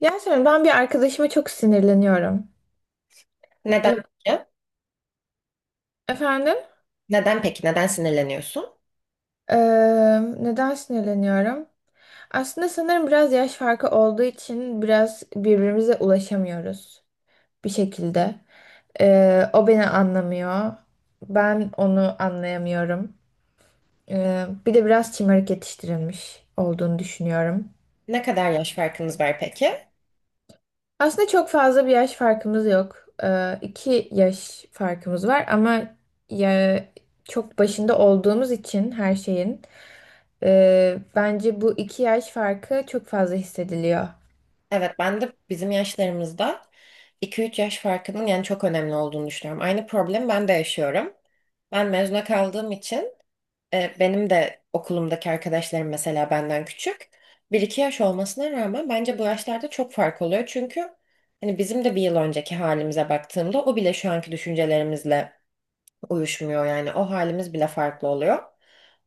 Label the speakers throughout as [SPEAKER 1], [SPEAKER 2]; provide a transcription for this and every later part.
[SPEAKER 1] Yasemin ben bir arkadaşıma çok sinirleniyorum.
[SPEAKER 2] Neden
[SPEAKER 1] E-
[SPEAKER 2] peki?
[SPEAKER 1] Efendim?
[SPEAKER 2] Neden peki? Neden sinirleniyorsun?
[SPEAKER 1] Ee, Neden sinirleniyorum? Aslında sanırım biraz yaş farkı olduğu için biraz birbirimize ulaşamıyoruz bir şekilde. O beni anlamıyor. Ben onu anlayamıyorum. Bir de biraz şımarık yetiştirilmiş olduğunu düşünüyorum.
[SPEAKER 2] Ne kadar yaş farkınız var peki?
[SPEAKER 1] Aslında çok fazla bir yaş farkımız yok. İki yaş farkımız var ama ya, çok başında olduğumuz için her şeyin. Bence bu iki yaş farkı çok fazla hissediliyor.
[SPEAKER 2] Evet, ben de bizim yaşlarımızda iki üç yaş farkının yani çok önemli olduğunu düşünüyorum. Aynı problemi ben de yaşıyorum. Ben mezuna kaldığım için benim de okulumdaki arkadaşlarım mesela benden küçük. Bir iki yaş olmasına rağmen bence bu yaşlarda çok fark oluyor. Çünkü hani bizim de bir yıl önceki halimize baktığımda o bile şu anki düşüncelerimizle uyuşmuyor. Yani o halimiz bile farklı oluyor.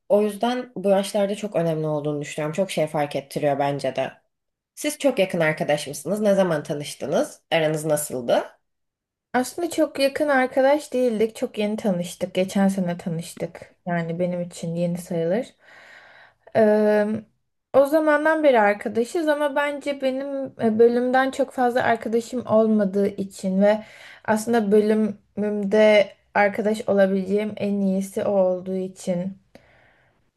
[SPEAKER 2] O yüzden bu yaşlarda çok önemli olduğunu düşünüyorum. Çok şey fark ettiriyor bence de. Siz çok yakın arkadaş mısınız? Ne zaman tanıştınız? Aranız nasıldı?
[SPEAKER 1] Aslında çok yakın arkadaş değildik. Çok yeni tanıştık. Geçen sene tanıştık. Yani benim için yeni sayılır. Ee, O zamandan beri arkadaşız ama bence benim bölümden çok fazla arkadaşım olmadığı için ve aslında bölümümde arkadaş olabileceğim en iyisi o olduğu için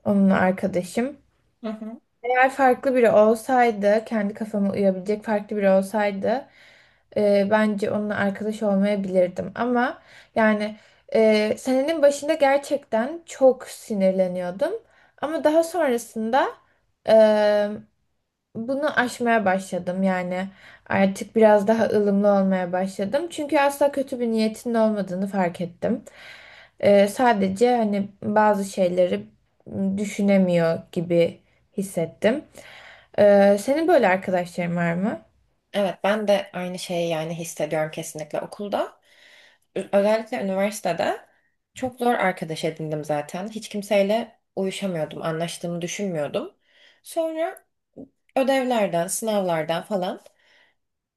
[SPEAKER 1] onunla arkadaşım.
[SPEAKER 2] Hı hı.
[SPEAKER 1] Eğer farklı biri olsaydı, kendi kafama uyabilecek farklı biri olsaydı, bence onunla arkadaş olmayabilirdim. Ama yani senenin başında gerçekten çok sinirleniyordum. Ama daha sonrasında e, bunu aşmaya başladım, yani artık biraz daha ılımlı olmaya başladım. Çünkü asla kötü bir niyetin olmadığını fark ettim. Sadece hani bazı şeyleri düşünemiyor gibi hissettim. Senin böyle arkadaşların var mı?
[SPEAKER 2] Evet, ben de aynı şeyi yani hissediyorum kesinlikle okulda. Özellikle üniversitede çok zor arkadaş edindim zaten. Hiç kimseyle uyuşamıyordum, anlaştığımı düşünmüyordum. Sonra ödevlerden, sınavlardan falan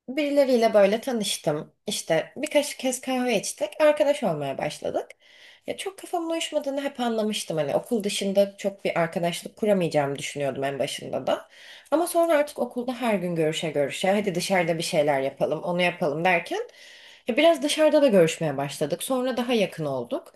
[SPEAKER 2] birileriyle böyle tanıştım. İşte birkaç kez kahve içtik. Arkadaş olmaya başladık. Ya çok kafamın uyuşmadığını hep anlamıştım. Hani okul dışında çok bir arkadaşlık kuramayacağımı düşünüyordum en başında da. Ama sonra artık okulda her gün görüşe görüşe hadi dışarıda bir şeyler yapalım, onu yapalım derken ya biraz dışarıda da görüşmeye başladık. Sonra daha yakın olduk.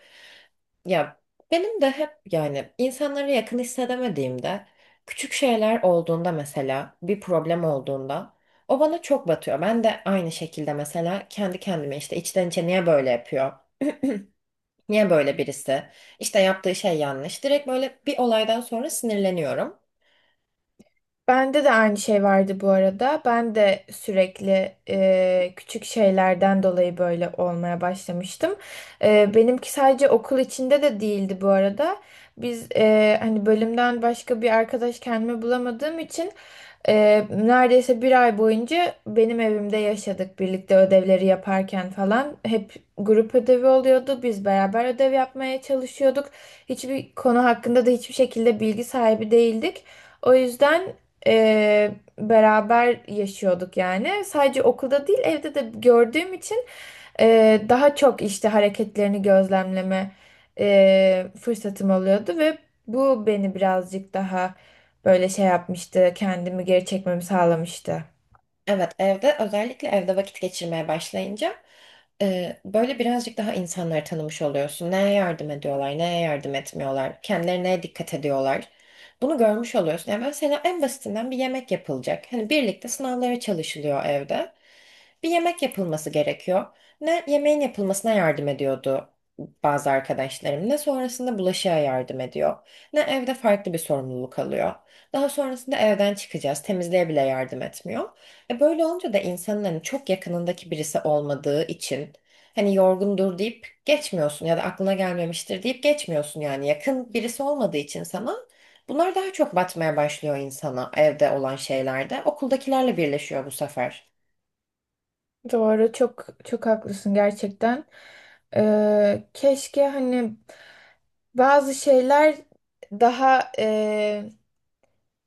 [SPEAKER 2] Ya benim de hep yani insanlara yakın hissedemediğimde küçük şeyler olduğunda, mesela bir problem olduğunda, o bana çok batıyor. Ben de aynı şekilde mesela kendi kendime işte içten içe niye böyle yapıyor? Niye böyle birisi? İşte yaptığı şey yanlış. Direkt böyle bir olaydan sonra sinirleniyorum.
[SPEAKER 1] Bende de aynı şey vardı bu arada. Ben de sürekli küçük şeylerden dolayı böyle olmaya başlamıştım. Benimki sadece okul içinde de değildi bu arada. Biz hani bölümden başka bir arkadaş kendime bulamadığım için neredeyse bir ay boyunca benim evimde yaşadık, birlikte ödevleri yaparken falan. Hep grup ödevi oluyordu. Biz beraber ödev yapmaya çalışıyorduk. Hiçbir konu hakkında da hiçbir şekilde bilgi sahibi değildik. O yüzden e, beraber yaşıyorduk yani. Sadece okulda değil evde de gördüğüm için daha çok işte hareketlerini gözlemleme fırsatım oluyordu ve bu beni birazcık daha böyle şey yapmıştı, kendimi geri çekmemi sağlamıştı.
[SPEAKER 2] Evet, evde özellikle evde vakit geçirmeye başlayınca böyle birazcık daha insanları tanımış oluyorsun. Neye yardım ediyorlar, neye yardım etmiyorlar, kendilerine neye dikkat ediyorlar. Bunu görmüş oluyorsun. Yani mesela en basitinden bir yemek yapılacak. Hani birlikte sınavlara çalışılıyor evde. Bir yemek yapılması gerekiyor. Ne yemeğin yapılmasına yardım ediyordu bazı arkadaşlarım, ne sonrasında bulaşığa yardım ediyor, ne evde farklı bir sorumluluk alıyor. Daha sonrasında evden çıkacağız, temizliğe bile yardım etmiyor. E böyle olunca da insanın hani çok yakınındaki birisi olmadığı için hani yorgundur deyip geçmiyorsun ya da aklına gelmemiştir deyip geçmiyorsun, yani yakın birisi olmadığı için sana bunlar daha çok batmaya başlıyor, insana evde olan şeylerde okuldakilerle birleşiyor bu sefer.
[SPEAKER 1] Doğru, çok çok haklısın gerçekten. Keşke hani bazı şeyler daha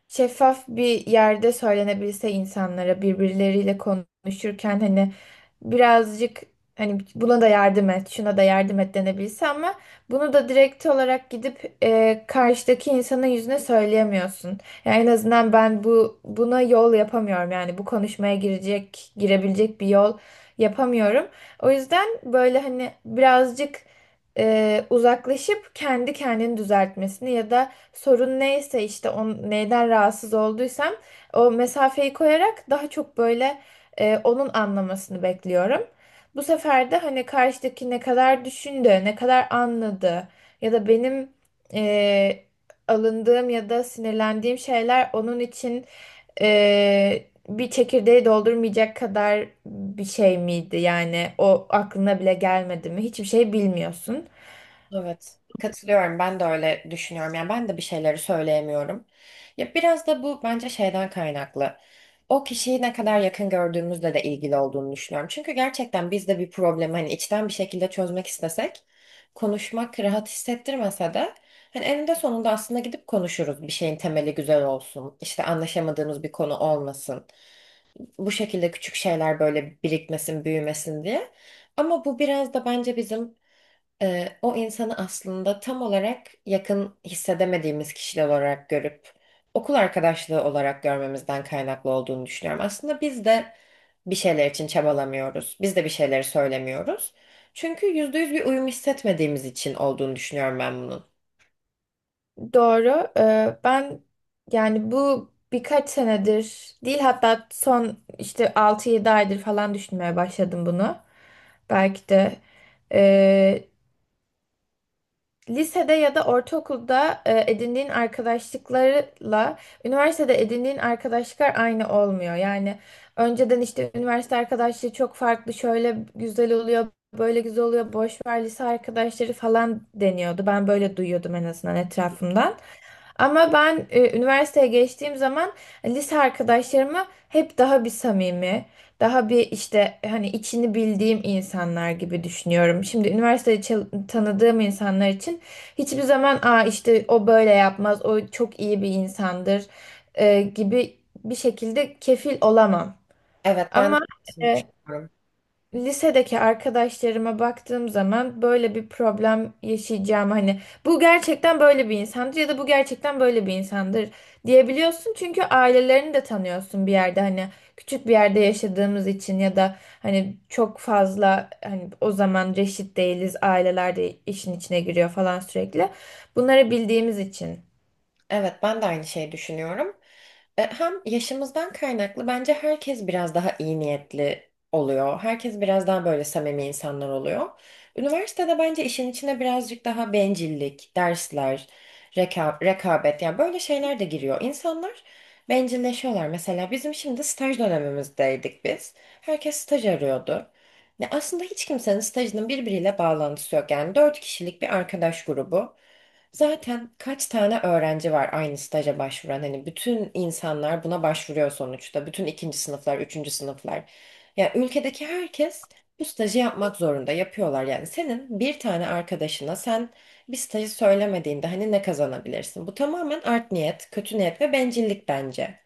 [SPEAKER 1] şeffaf bir yerde söylenebilse, insanlara birbirleriyle konuşurken hani birazcık hani buna da yardım et, şuna da yardım et denebilse, ama bunu da direkt olarak gidip karşıdaki insanın yüzüne söyleyemiyorsun. Yani en azından ben buna yol yapamıyorum. Yani bu konuşmaya girecek, girebilecek bir yol yapamıyorum. O yüzden böyle hani birazcık uzaklaşıp kendi kendini düzeltmesini ya da sorun neyse, işte neyden rahatsız olduysam o mesafeyi koyarak daha çok böyle onun anlamasını bekliyorum. Bu sefer de hani karşıdaki ne kadar düşündü, ne kadar anladı ya da benim e, alındığım ya da sinirlendiğim şeyler onun için e, bir çekirdeği doldurmayacak kadar bir şey miydi? Yani o aklına bile gelmedi mi? Hiçbir şey bilmiyorsun.
[SPEAKER 2] Evet, katılıyorum. Ben de öyle düşünüyorum. Yani ben de bir şeyleri söyleyemiyorum. Ya biraz da bu bence şeyden kaynaklı. O kişiyi ne kadar yakın gördüğümüzle de ilgili olduğunu düşünüyorum. Çünkü gerçekten biz de bir problemi hani içten bir şekilde çözmek istesek, konuşmak rahat hissettirmese de hani eninde sonunda aslında gidip konuşuruz. Bir şeyin temeli güzel olsun, işte anlaşamadığımız bir konu olmasın. Bu şekilde küçük şeyler böyle birikmesin, büyümesin diye. Ama bu biraz da bence bizim o insanı aslında tam olarak yakın hissedemediğimiz kişiler olarak görüp okul arkadaşlığı olarak görmemizden kaynaklı olduğunu düşünüyorum. Aslında biz de bir şeyler için çabalamıyoruz. Biz de bir şeyleri söylemiyoruz. Çünkü yüzde yüz bir uyum hissetmediğimiz için olduğunu düşünüyorum ben bunun.
[SPEAKER 1] Doğru. Ben yani bu birkaç senedir değil, hatta son işte altı yedi aydır falan düşünmeye başladım bunu. Belki de e, lisede ya da ortaokulda edindiğin arkadaşlıklarla üniversitede edindiğin arkadaşlıklar aynı olmuyor. Yani önceden işte üniversite arkadaşlığı çok farklı, şöyle güzel oluyor, böyle güzel oluyor, boş ver lise arkadaşları falan deniyordu. Ben böyle duyuyordum en azından etrafımdan. Ama ben üniversiteye geçtiğim zaman lise arkadaşlarımı hep daha bir samimi, daha bir işte hani içini bildiğim insanlar gibi düşünüyorum. Şimdi üniversitede tanıdığım insanlar için hiçbir zaman aa işte o böyle yapmaz, o çok iyi bir insandır gibi bir şekilde kefil olamam.
[SPEAKER 2] Evet, ben de
[SPEAKER 1] Ama
[SPEAKER 2] aynısını
[SPEAKER 1] e,
[SPEAKER 2] düşünüyorum.
[SPEAKER 1] lisedeki arkadaşlarıma baktığım zaman böyle bir problem yaşayacağım, hani bu gerçekten böyle bir insandır ya da bu gerçekten böyle bir insandır diyebiliyorsun, çünkü ailelerini de tanıyorsun bir yerde, hani küçük bir yerde yaşadığımız için ya da hani çok fazla hani o zaman reşit değiliz, aileler de işin içine giriyor falan, sürekli bunları bildiğimiz için.
[SPEAKER 2] Evet, ben de aynı şeyi düşünüyorum. Hem yaşımızdan kaynaklı bence herkes biraz daha iyi niyetli oluyor. Herkes biraz daha böyle samimi insanlar oluyor. Üniversitede bence işin içine birazcık daha bencillik, dersler, rekabet, yani böyle şeyler de giriyor. İnsanlar bencilleşiyorlar. Mesela bizim şimdi staj dönemimizdeydik biz. Herkes staj arıyordu. Ne aslında hiç kimsenin stajının birbiriyle bağlantısı yok. Yani dört kişilik bir arkadaş grubu. Zaten kaç tane öğrenci var aynı staja başvuran? Hani bütün insanlar buna başvuruyor sonuçta. Bütün ikinci sınıflar, üçüncü sınıflar. Yani ülkedeki herkes bu stajı yapmak zorunda. Yapıyorlar yani. Senin bir tane arkadaşına sen bir stajı söylemediğinde hani ne kazanabilirsin? Bu tamamen art niyet, kötü niyet ve bencillik bence.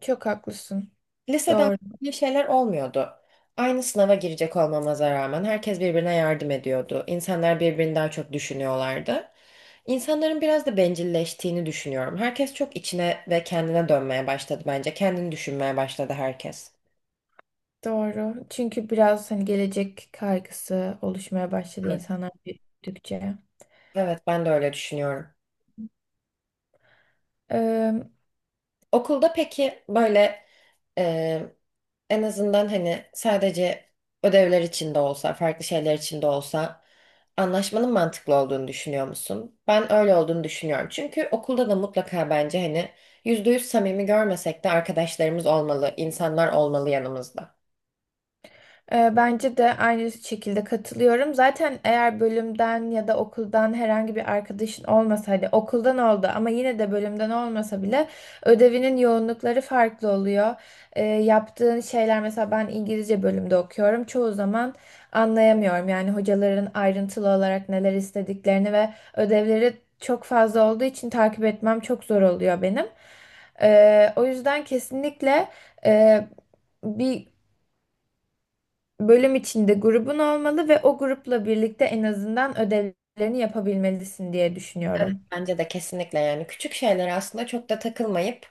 [SPEAKER 1] Çok haklısın.
[SPEAKER 2] Lisede
[SPEAKER 1] Doğru.
[SPEAKER 2] bir şeyler olmuyordu. Aynı sınava girecek olmamıza rağmen herkes birbirine yardım ediyordu. İnsanlar birbirini daha çok düşünüyorlardı. İnsanların biraz da bencilleştiğini düşünüyorum. Herkes çok içine ve kendine dönmeye başladı bence. Kendini düşünmeye başladı herkes.
[SPEAKER 1] Doğru, çünkü biraz hani gelecek kaygısı oluşmaya başladı
[SPEAKER 2] Evet.
[SPEAKER 1] insanlar büyüdükçe.
[SPEAKER 2] Evet, ben de öyle düşünüyorum.
[SPEAKER 1] Ee,
[SPEAKER 2] Okulda peki böyle, Ee, en azından hani sadece ödevler için de olsa, farklı şeyler için de olsa anlaşmanın mantıklı olduğunu düşünüyor musun? Ben öyle olduğunu düşünüyorum. Çünkü okulda da mutlaka bence hani yüzde yüz samimi görmesek de arkadaşlarımız olmalı, insanlar olmalı yanımızda.
[SPEAKER 1] Bence de aynı şekilde katılıyorum. Zaten eğer bölümden ya da okuldan herhangi bir arkadaşın olmasa, hadi okuldan oldu ama yine de bölümden olmasa bile, ödevinin yoğunlukları farklı oluyor. Yaptığın şeyler, mesela ben İngilizce bölümde okuyorum. Çoğu zaman anlayamıyorum. Yani hocaların ayrıntılı olarak neler istediklerini ve ödevleri çok fazla olduğu için takip etmem çok zor oluyor benim. O yüzden kesinlikle e, bir bölüm içinde grubun olmalı ve o grupla birlikte en azından ödevlerini yapabilmelisin diye
[SPEAKER 2] Evet,
[SPEAKER 1] düşünüyorum.
[SPEAKER 2] bence de kesinlikle, yani küçük şeylere aslında çok da takılmayıp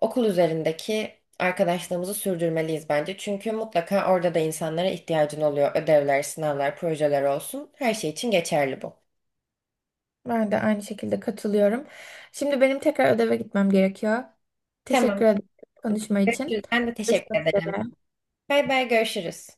[SPEAKER 2] okul üzerindeki arkadaşlığımızı sürdürmeliyiz bence. Çünkü mutlaka orada da insanlara ihtiyacın oluyor. Ödevler, sınavlar, projeler olsun. Her şey için geçerli bu.
[SPEAKER 1] Ben de aynı şekilde katılıyorum. Şimdi benim tekrar ödeve gitmem gerekiyor.
[SPEAKER 2] Tamam.
[SPEAKER 1] Teşekkür ederim konuşma için.
[SPEAKER 2] Görüşürüz. Ben de
[SPEAKER 1] Görüşmek
[SPEAKER 2] teşekkür ederim.
[SPEAKER 1] üzere.
[SPEAKER 2] Bay bay, görüşürüz.